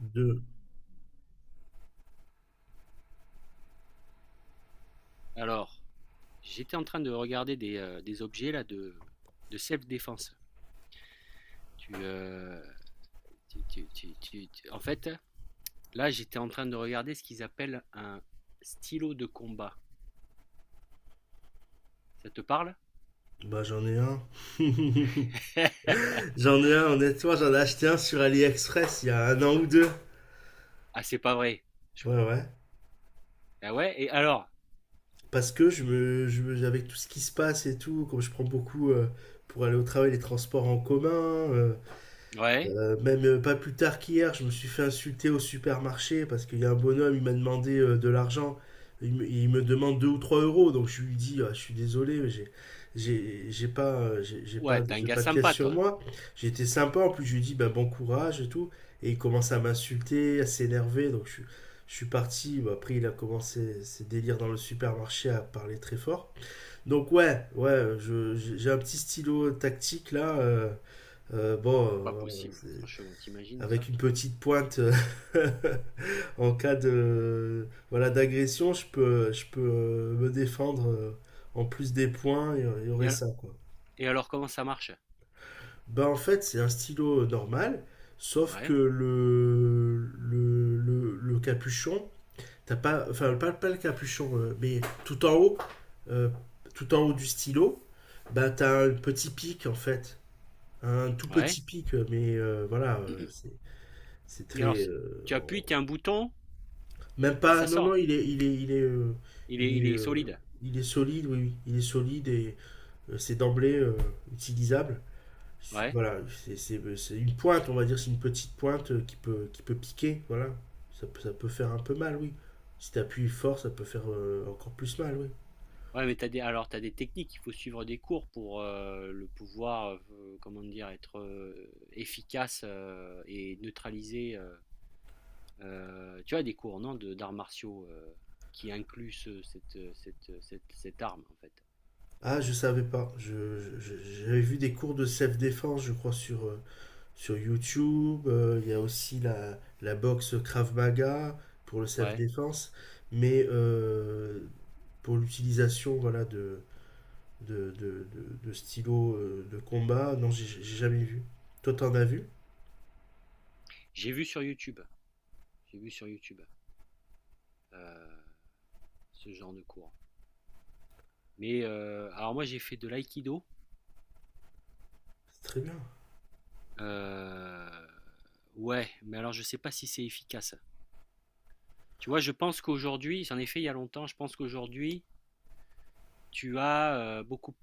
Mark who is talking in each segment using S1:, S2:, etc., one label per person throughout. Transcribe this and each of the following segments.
S1: Deux.
S2: Alors, j'étais en train de regarder des objets là de self-défense. Tu, tu- tu- tu- tu- tu- En fait, là, j'étais en train de regarder ce qu'ils appellent un stylo de combat. Ça te parle?
S1: Bah j'en ai un. J'en ai un, honnêtement, j'en ai acheté un sur AliExpress il y a un an ou deux.
S2: Ah, c'est pas vrai. Je-
S1: Ouais, ouais.
S2: Ah ouais, et alors?
S1: Parce que avec tout ce qui se passe et tout, comme je prends beaucoup pour aller au travail, les transports en commun.
S2: Ouais,
S1: Même, pas plus tard qu'hier, je me suis fait insulter au supermarché parce qu'il y a un bonhomme, il m'a demandé, de l'argent. Il me demande 2 ou 3 euros, donc je lui dis, ah, je suis désolé, mais j'ai pas,
S2: ouais, t'es un
S1: j'ai
S2: gars
S1: pas de pièces
S2: sympa,
S1: sur
S2: toi.
S1: moi. J'étais sympa, en plus je lui dis, ben, bon courage et tout. Et il commence à m'insulter, à s'énerver, donc je suis parti. Bah, après, il a commencé ses délires dans le supermarché à parler très fort. Donc ouais, ouais, j'ai un petit stylo tactique là. Bon,
S2: C'est pas
S1: euh,
S2: possible, franchement, t'imagines
S1: avec
S2: ça?
S1: une petite pointe en cas de voilà d'agression, je peux me défendre, en plus des points, il y
S2: Et
S1: aurait
S2: alors,
S1: ça quoi.
S2: et alors, comment ça marche?
S1: Bah en fait, c'est un stylo, normal, sauf que
S2: Ouais,
S1: le capuchon, t'as pas, enfin pas le capuchon, mais tout en haut, euh, du stylo, bah t'as un petit pic en fait, un tout
S2: ouais.
S1: petit pic, mais voilà, c'est
S2: Et alors,
S1: très
S2: si- Tu appuies, t'as un bouton
S1: Même
S2: et
S1: pas,
S2: ça
S1: non, non,
S2: sort.
S1: il est,
S2: Il
S1: il
S2: est, il
S1: est,
S2: est
S1: euh,
S2: solide.
S1: il est solide, oui, oui, il est solide et, c'est d'emblée, utilisable.
S2: Ouais.
S1: Voilà, c'est une pointe, on va dire, c'est une petite pointe, qui peut piquer, voilà. Ça peut faire un peu mal, oui. Si t'appuies fort, ça peut faire, encore plus mal, oui.
S2: Ouais, mais t'as des techniques, il faut suivre des cours pour, le pouvoir, comment dire? Être, efficace, et neutraliser, tu as des cours, non, de d'arts martiaux, qui incluent ce cette, cette, cette cette arme, en fait?
S1: Ah, je savais pas. J'avais vu des cours de self-défense, je crois, sur, sur YouTube. Il y a aussi la boxe Krav Maga pour le
S2: Ouais,
S1: self-défense. Mais pour l'utilisation voilà, de stylos, de combat. Non, j'ai jamais vu. Toi, t'en as vu.
S2: j'ai vu sur YouTube, j'ai vu sur YouTube, heu, ce genre de cours. Mais, alors moi j'ai fait de l'aïkido,
S1: C'est très bien.
S2: heu, ouais, mais alors je sais pas si c'est efficace. Tu vois? Je pense qu'aujourd'hui J'en ai fait il y a longtemps, je pense qu'aujourd'hui tu as beaucoup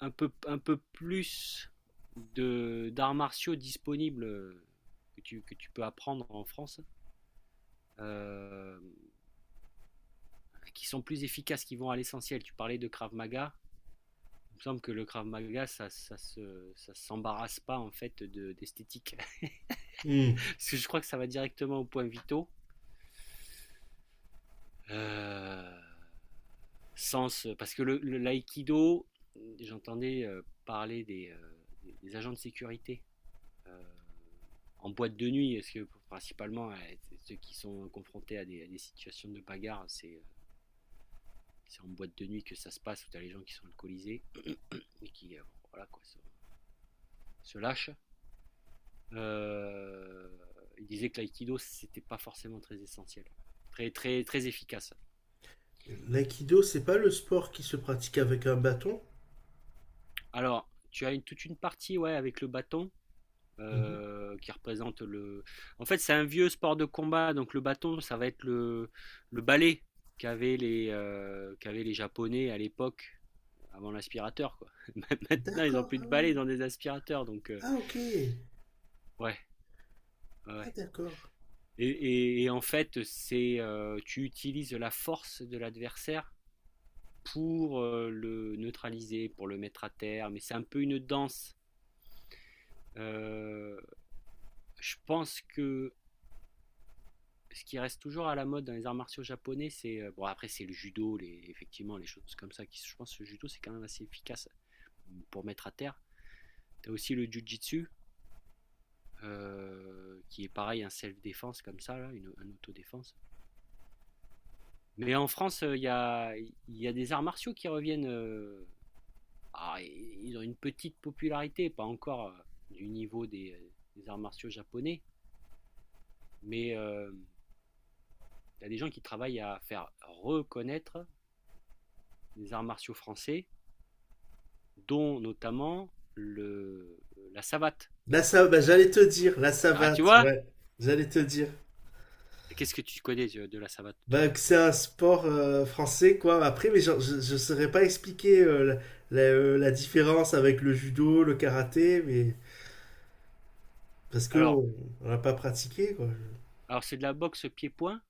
S2: un peu plus de d'arts martiaux disponibles que tu peux apprendre en France, euh, qui sont plus efficaces, qui vont à l'essentiel. Tu parlais de Krav Maga, il me semble que le Krav Maga, ça s'embarrasse pas en fait de d'esthétique.
S1: Hmm.
S2: Parce que je crois que ça va directement au point vitaux. Euh, Sens, parce que le l'aïkido, j'entendais parler des agents de sécurité euh, en boîte de nuit, parce que principalement ceux qui sont confrontés à des situations de bagarre, c'est en boîte de nuit que ça se passe, où tu as les gens qui sont alcoolisés et qui voilà, quoi, se lâchent. Euh, il disait que l'aïkido, c'était pas forcément très essentiel, très efficace.
S1: L'aïkido, c'est pas le sport qui se pratique avec un bâton?
S2: Alors, tu as toute une partie, ouais, avec le bâton
S1: Mhm.
S2: qui représente le. En fait, c'est un vieux sport de combat, donc le bâton, ça va être le balai qu'avaient les Japonais à l'époque, avant l'aspirateur, quoi. Maintenant, ils n'ont
S1: D'accord,
S2: plus
S1: ah
S2: de balai
S1: oui.
S2: dans des aspirateurs, donc
S1: Ah, ok.
S2: ouais, ouais.
S1: Ah,
S2: ouais.
S1: d'accord.
S2: Et en fait, c'est tu utilises la force de l'adversaire pour le neutraliser, pour le mettre à terre, mais c'est un peu une danse. Euh, je pense que ce qui reste toujours à la mode dans les arts martiaux japonais, c'est bon, après c'est le judo, les, effectivement les choses comme ça. Qui, je pense que le judo, c'est quand même assez efficace, mm, pour mettre à terre. T'as aussi le jujitsu qui est pareil un self défense comme ça là, un autodéfense. Mais en France il y a des arts martiaux qui reviennent. Ah, ils ont une petite popularité, pas encore du niveau des arts martiaux japonais, mais il y a des gens qui travaillent à faire reconnaître des arts martiaux français, dont notamment la savate.
S1: Là, ça, bah, j'allais te dire, la
S2: Ah, tu
S1: savate,
S2: vois?
S1: ouais. J'allais te dire.
S2: Qu'est-ce que tu connais de la savate,
S1: Bah,
S2: toi?
S1: que c'est un sport, français, quoi. Après, mais genre, je saurais pas expliquer, la différence avec le judo, le karaté, mais parce que
S2: Alors,
S1: on l'a pas pratiqué, quoi.
S2: alors, c'est de la boxe pied-point.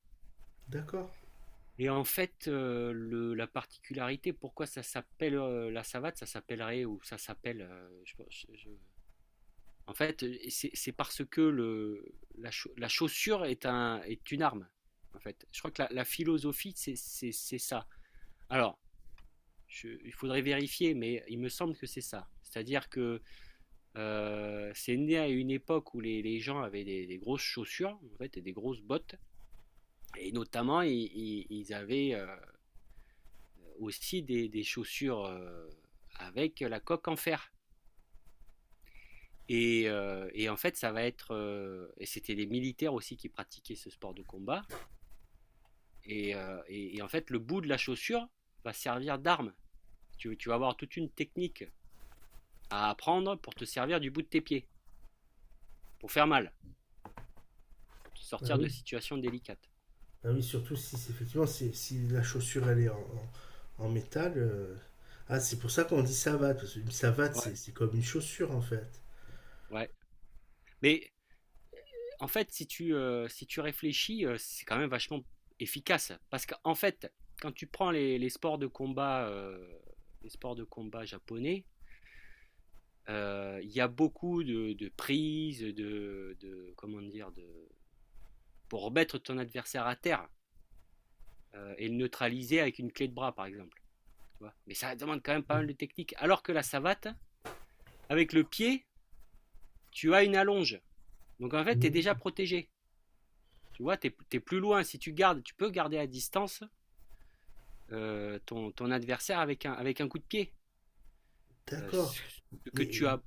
S1: D'accord.
S2: Et en fait, la particularité, pourquoi ça s'appelle la savate, ça s'appellerait ou ça s'appelle. En fait, c'est parce que la chaussure est, un, est une arme. En fait, je crois que la philosophie, c'est ça. Alors, il faudrait vérifier, mais il me semble que c'est ça. C'est-à-dire que c'est né à une époque où les gens avaient des grosses chaussures, en fait, et des grosses bottes. Et notamment, ils avaient aussi des chaussures avec la coque en fer. Et en fait, ça va être. Et c'était les militaires aussi qui pratiquaient ce sport de combat. Et en fait, le bout de la chaussure va servir d'arme. Tu vas avoir toute une technique à apprendre pour te servir du bout de tes pieds, pour faire mal, pour te
S1: Ah
S2: sortir de
S1: oui.
S2: situations délicates.
S1: Ah oui, surtout si c'est- effectivement si, si la chaussure elle est en, en métal. Ah, c'est pour ça qu'on dit savate, parce qu'une savate,
S2: Ouais,
S1: c'est comme une chaussure en fait.
S2: ouais. Mais en fait, si tu, si tu réfléchis, c'est quand même vachement efficace. Parce qu'en fait, quand tu prends les sports de combat, les sports de combat japonais, il y a beaucoup de prises, comment dire, de, pour remettre ton adversaire à terre et le neutraliser avec une clé de bras, par exemple. Tu vois. Mais ça demande quand même pas mal de technique. Alors que la savate, avec le pied, tu as une allonge. Donc en fait, tu es déjà
S1: Mhm.
S2: protégé. Tu vois, tu es plus loin. Si tu gardes, tu peux garder à distance ton adversaire avec un coup de pied. Euh,
S1: D'accord.
S2: ce que
S1: Mais,
S2: tu as,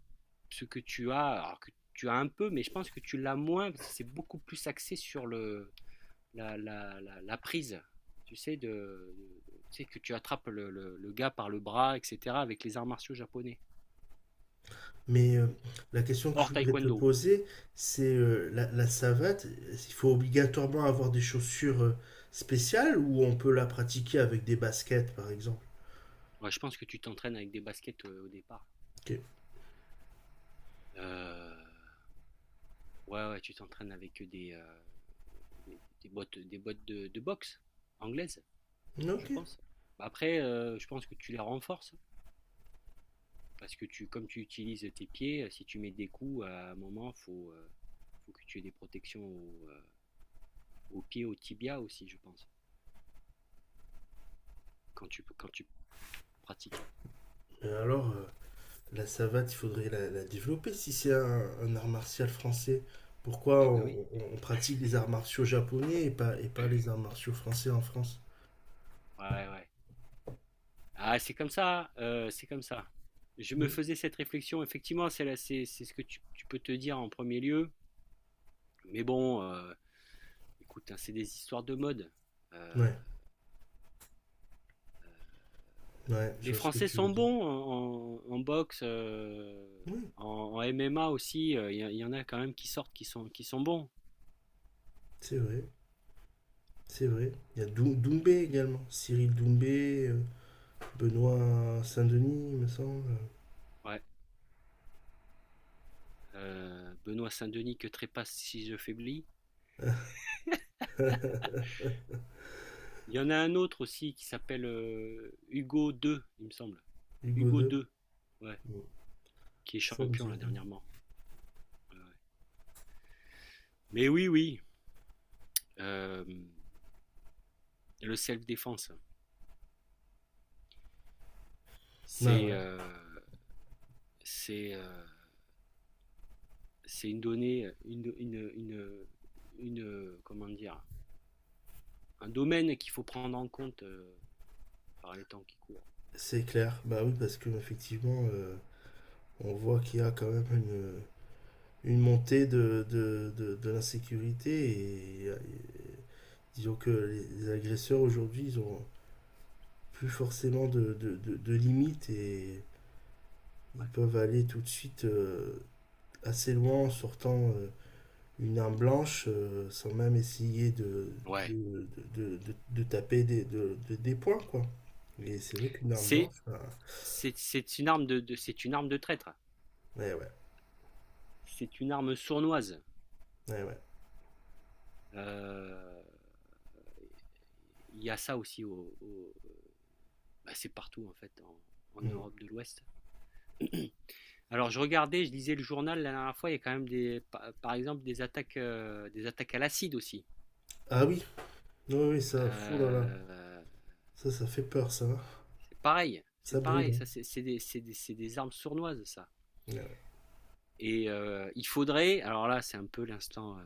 S2: ce que tu as, alors que tu as un peu, mais je pense que tu l'as moins parce que c'est beaucoup plus axé sur le, la prise. Tu sais, tu sais que tu attrapes le gars par le bras, etc. avec les arts martiaux japonais.
S1: mais la question que je
S2: Hors
S1: voudrais te
S2: taekwondo.
S1: poser, c'est, la savate, il faut obligatoirement avoir des chaussures, spéciales, ou on peut la pratiquer avec des baskets par exemple?
S2: Ouais, je pense que tu t'entraînes avec des baskets au départ.
S1: Ok.
S2: Euh, ouais, ouais, tu t'entraînes des bottes, de boxe anglaise. Je
S1: Ok.
S2: pense. Bah, après, je pense que tu les renforces parce que tu, comme tu utilises tes pieds, si tu mets des coups, à un moment, faut que tu aies des protections aux pieds, aux tibias aussi, je pense, quand tu pratiques.
S1: Mais alors, la savate, il faudrait la développer si c'est un art martial français. Pourquoi
S2: Eh ben oui.
S1: on pratique les arts martiaux japonais et pas les arts martiaux français en France?
S2: Ouais, ouais. Ah, c'est comme ça, c'est comme ça. Je me
S1: Mm.
S2: faisais cette réflexion. Effectivement, c'est ce que tu peux te dire en premier lieu. Mais bon, écoute, hein, c'est des histoires de mode. Euh,
S1: Ouais, ouais, je
S2: Les
S1: vois ce que
S2: Français
S1: tu
S2: sont
S1: veux dire.
S2: bons en boxe,
S1: Oui,
S2: en, en MMA aussi. Y en a quand même qui sortent, qui sont bons.
S1: c'est vrai, c'est vrai. Il y a Doumbé également. Cyril Doumbé, Benoît Saint-Denis, il me semble.
S2: Ouais. Benoît Saint-Denis que trépasse si je faiblis. Il y en a un autre aussi qui s'appelle Hugo II, il me semble.
S1: Hugo
S2: Hugo
S1: II.
S2: II, ouais,
S1: Mm.
S2: qui est
S1: Ça me dit
S2: champion là
S1: rien.
S2: dernièrement. Mais oui, oui, euh, le self-défense,
S1: Bah
S2: c'est
S1: ouais,
S2: euh, c'est euh, c'est une donnée, comment dire, un domaine qu'il faut prendre en compte par les temps qui courent. Ouais,
S1: c'est
S2: c'est sûr.
S1: clair. Bah oui, parce que effectivement, on voit qu'il y a quand même une montée de l'insécurité et disons que les agresseurs aujourd'hui, ils ont plus forcément de limites et ils
S2: Ouais.
S1: peuvent aller tout de suite, assez loin en sortant, une arme blanche, sans même essayer
S2: Ouais.
S1: de taper des, des points, quoi. Et c'est vrai qu'une arme
S2: C'est,
S1: blanche, bah,
S2: c'est une arme c'est une arme de traître.
S1: ouais, ouais,
S2: C'est une arme sournoise.
S1: ouais, ouais.
S2: Euh, Il Y a ça aussi bah, c'est partout en fait en
S1: Mm.
S2: Europe de l'Ouest. Alors je regardais, je lisais le journal la dernière fois. Il y a quand même des, par exemple des attaques à l'acide aussi.
S1: Ah oui, oui, oui, ça, fou là là,
S2: Euh,
S1: ça fait peur, ça, hein.
S2: c'est pareil, c'est
S1: Ça brûle,
S2: pareil.
S1: hein.
S2: Ça c'est des, c'est des- C'est des armes sournoises, ça.
S1: Ouais, ouais.
S2: Et il faudrait, alors là c'est un peu l'instant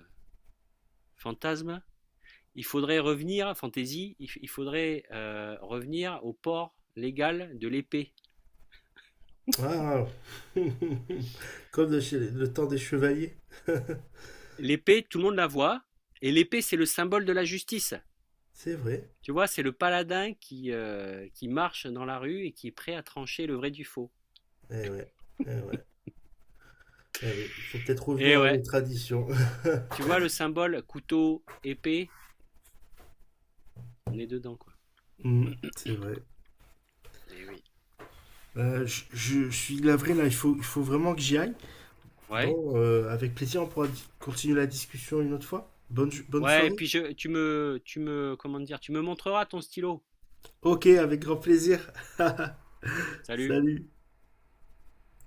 S2: fantasme, il faudrait revenir, fantaisie, il faudrait revenir au port légal de l'épée.
S1: Ah, comme de le temps des chevaliers.
S2: L'épée, tout le monde la voit, et l'épée, c'est le symbole de la justice.
S1: C'est vrai.
S2: Tu vois, c'est le paladin qui marche dans la rue et qui est prêt à trancher le vrai du faux.
S1: Eh ouais. Eh ouais. Eh oui. Il faut peut-être
S2: Et
S1: revenir à nos
S2: ouais,
S1: traditions.
S2: tu vois, le symbole couteau, épée, on est dedans, quoi.
S1: Hmm, c'est vrai.
S2: Et oui.
S1: Je suis navré là, il faut vraiment que j'y aille.
S2: Ouais,
S1: Bon, avec plaisir, on pourra continuer la discussion une autre fois. Bonne
S2: ouais, et
S1: soirée.
S2: puis tu me, comment dire, tu me montreras ton stylo.
S1: Ok, avec grand plaisir.
S2: Salut.
S1: Salut.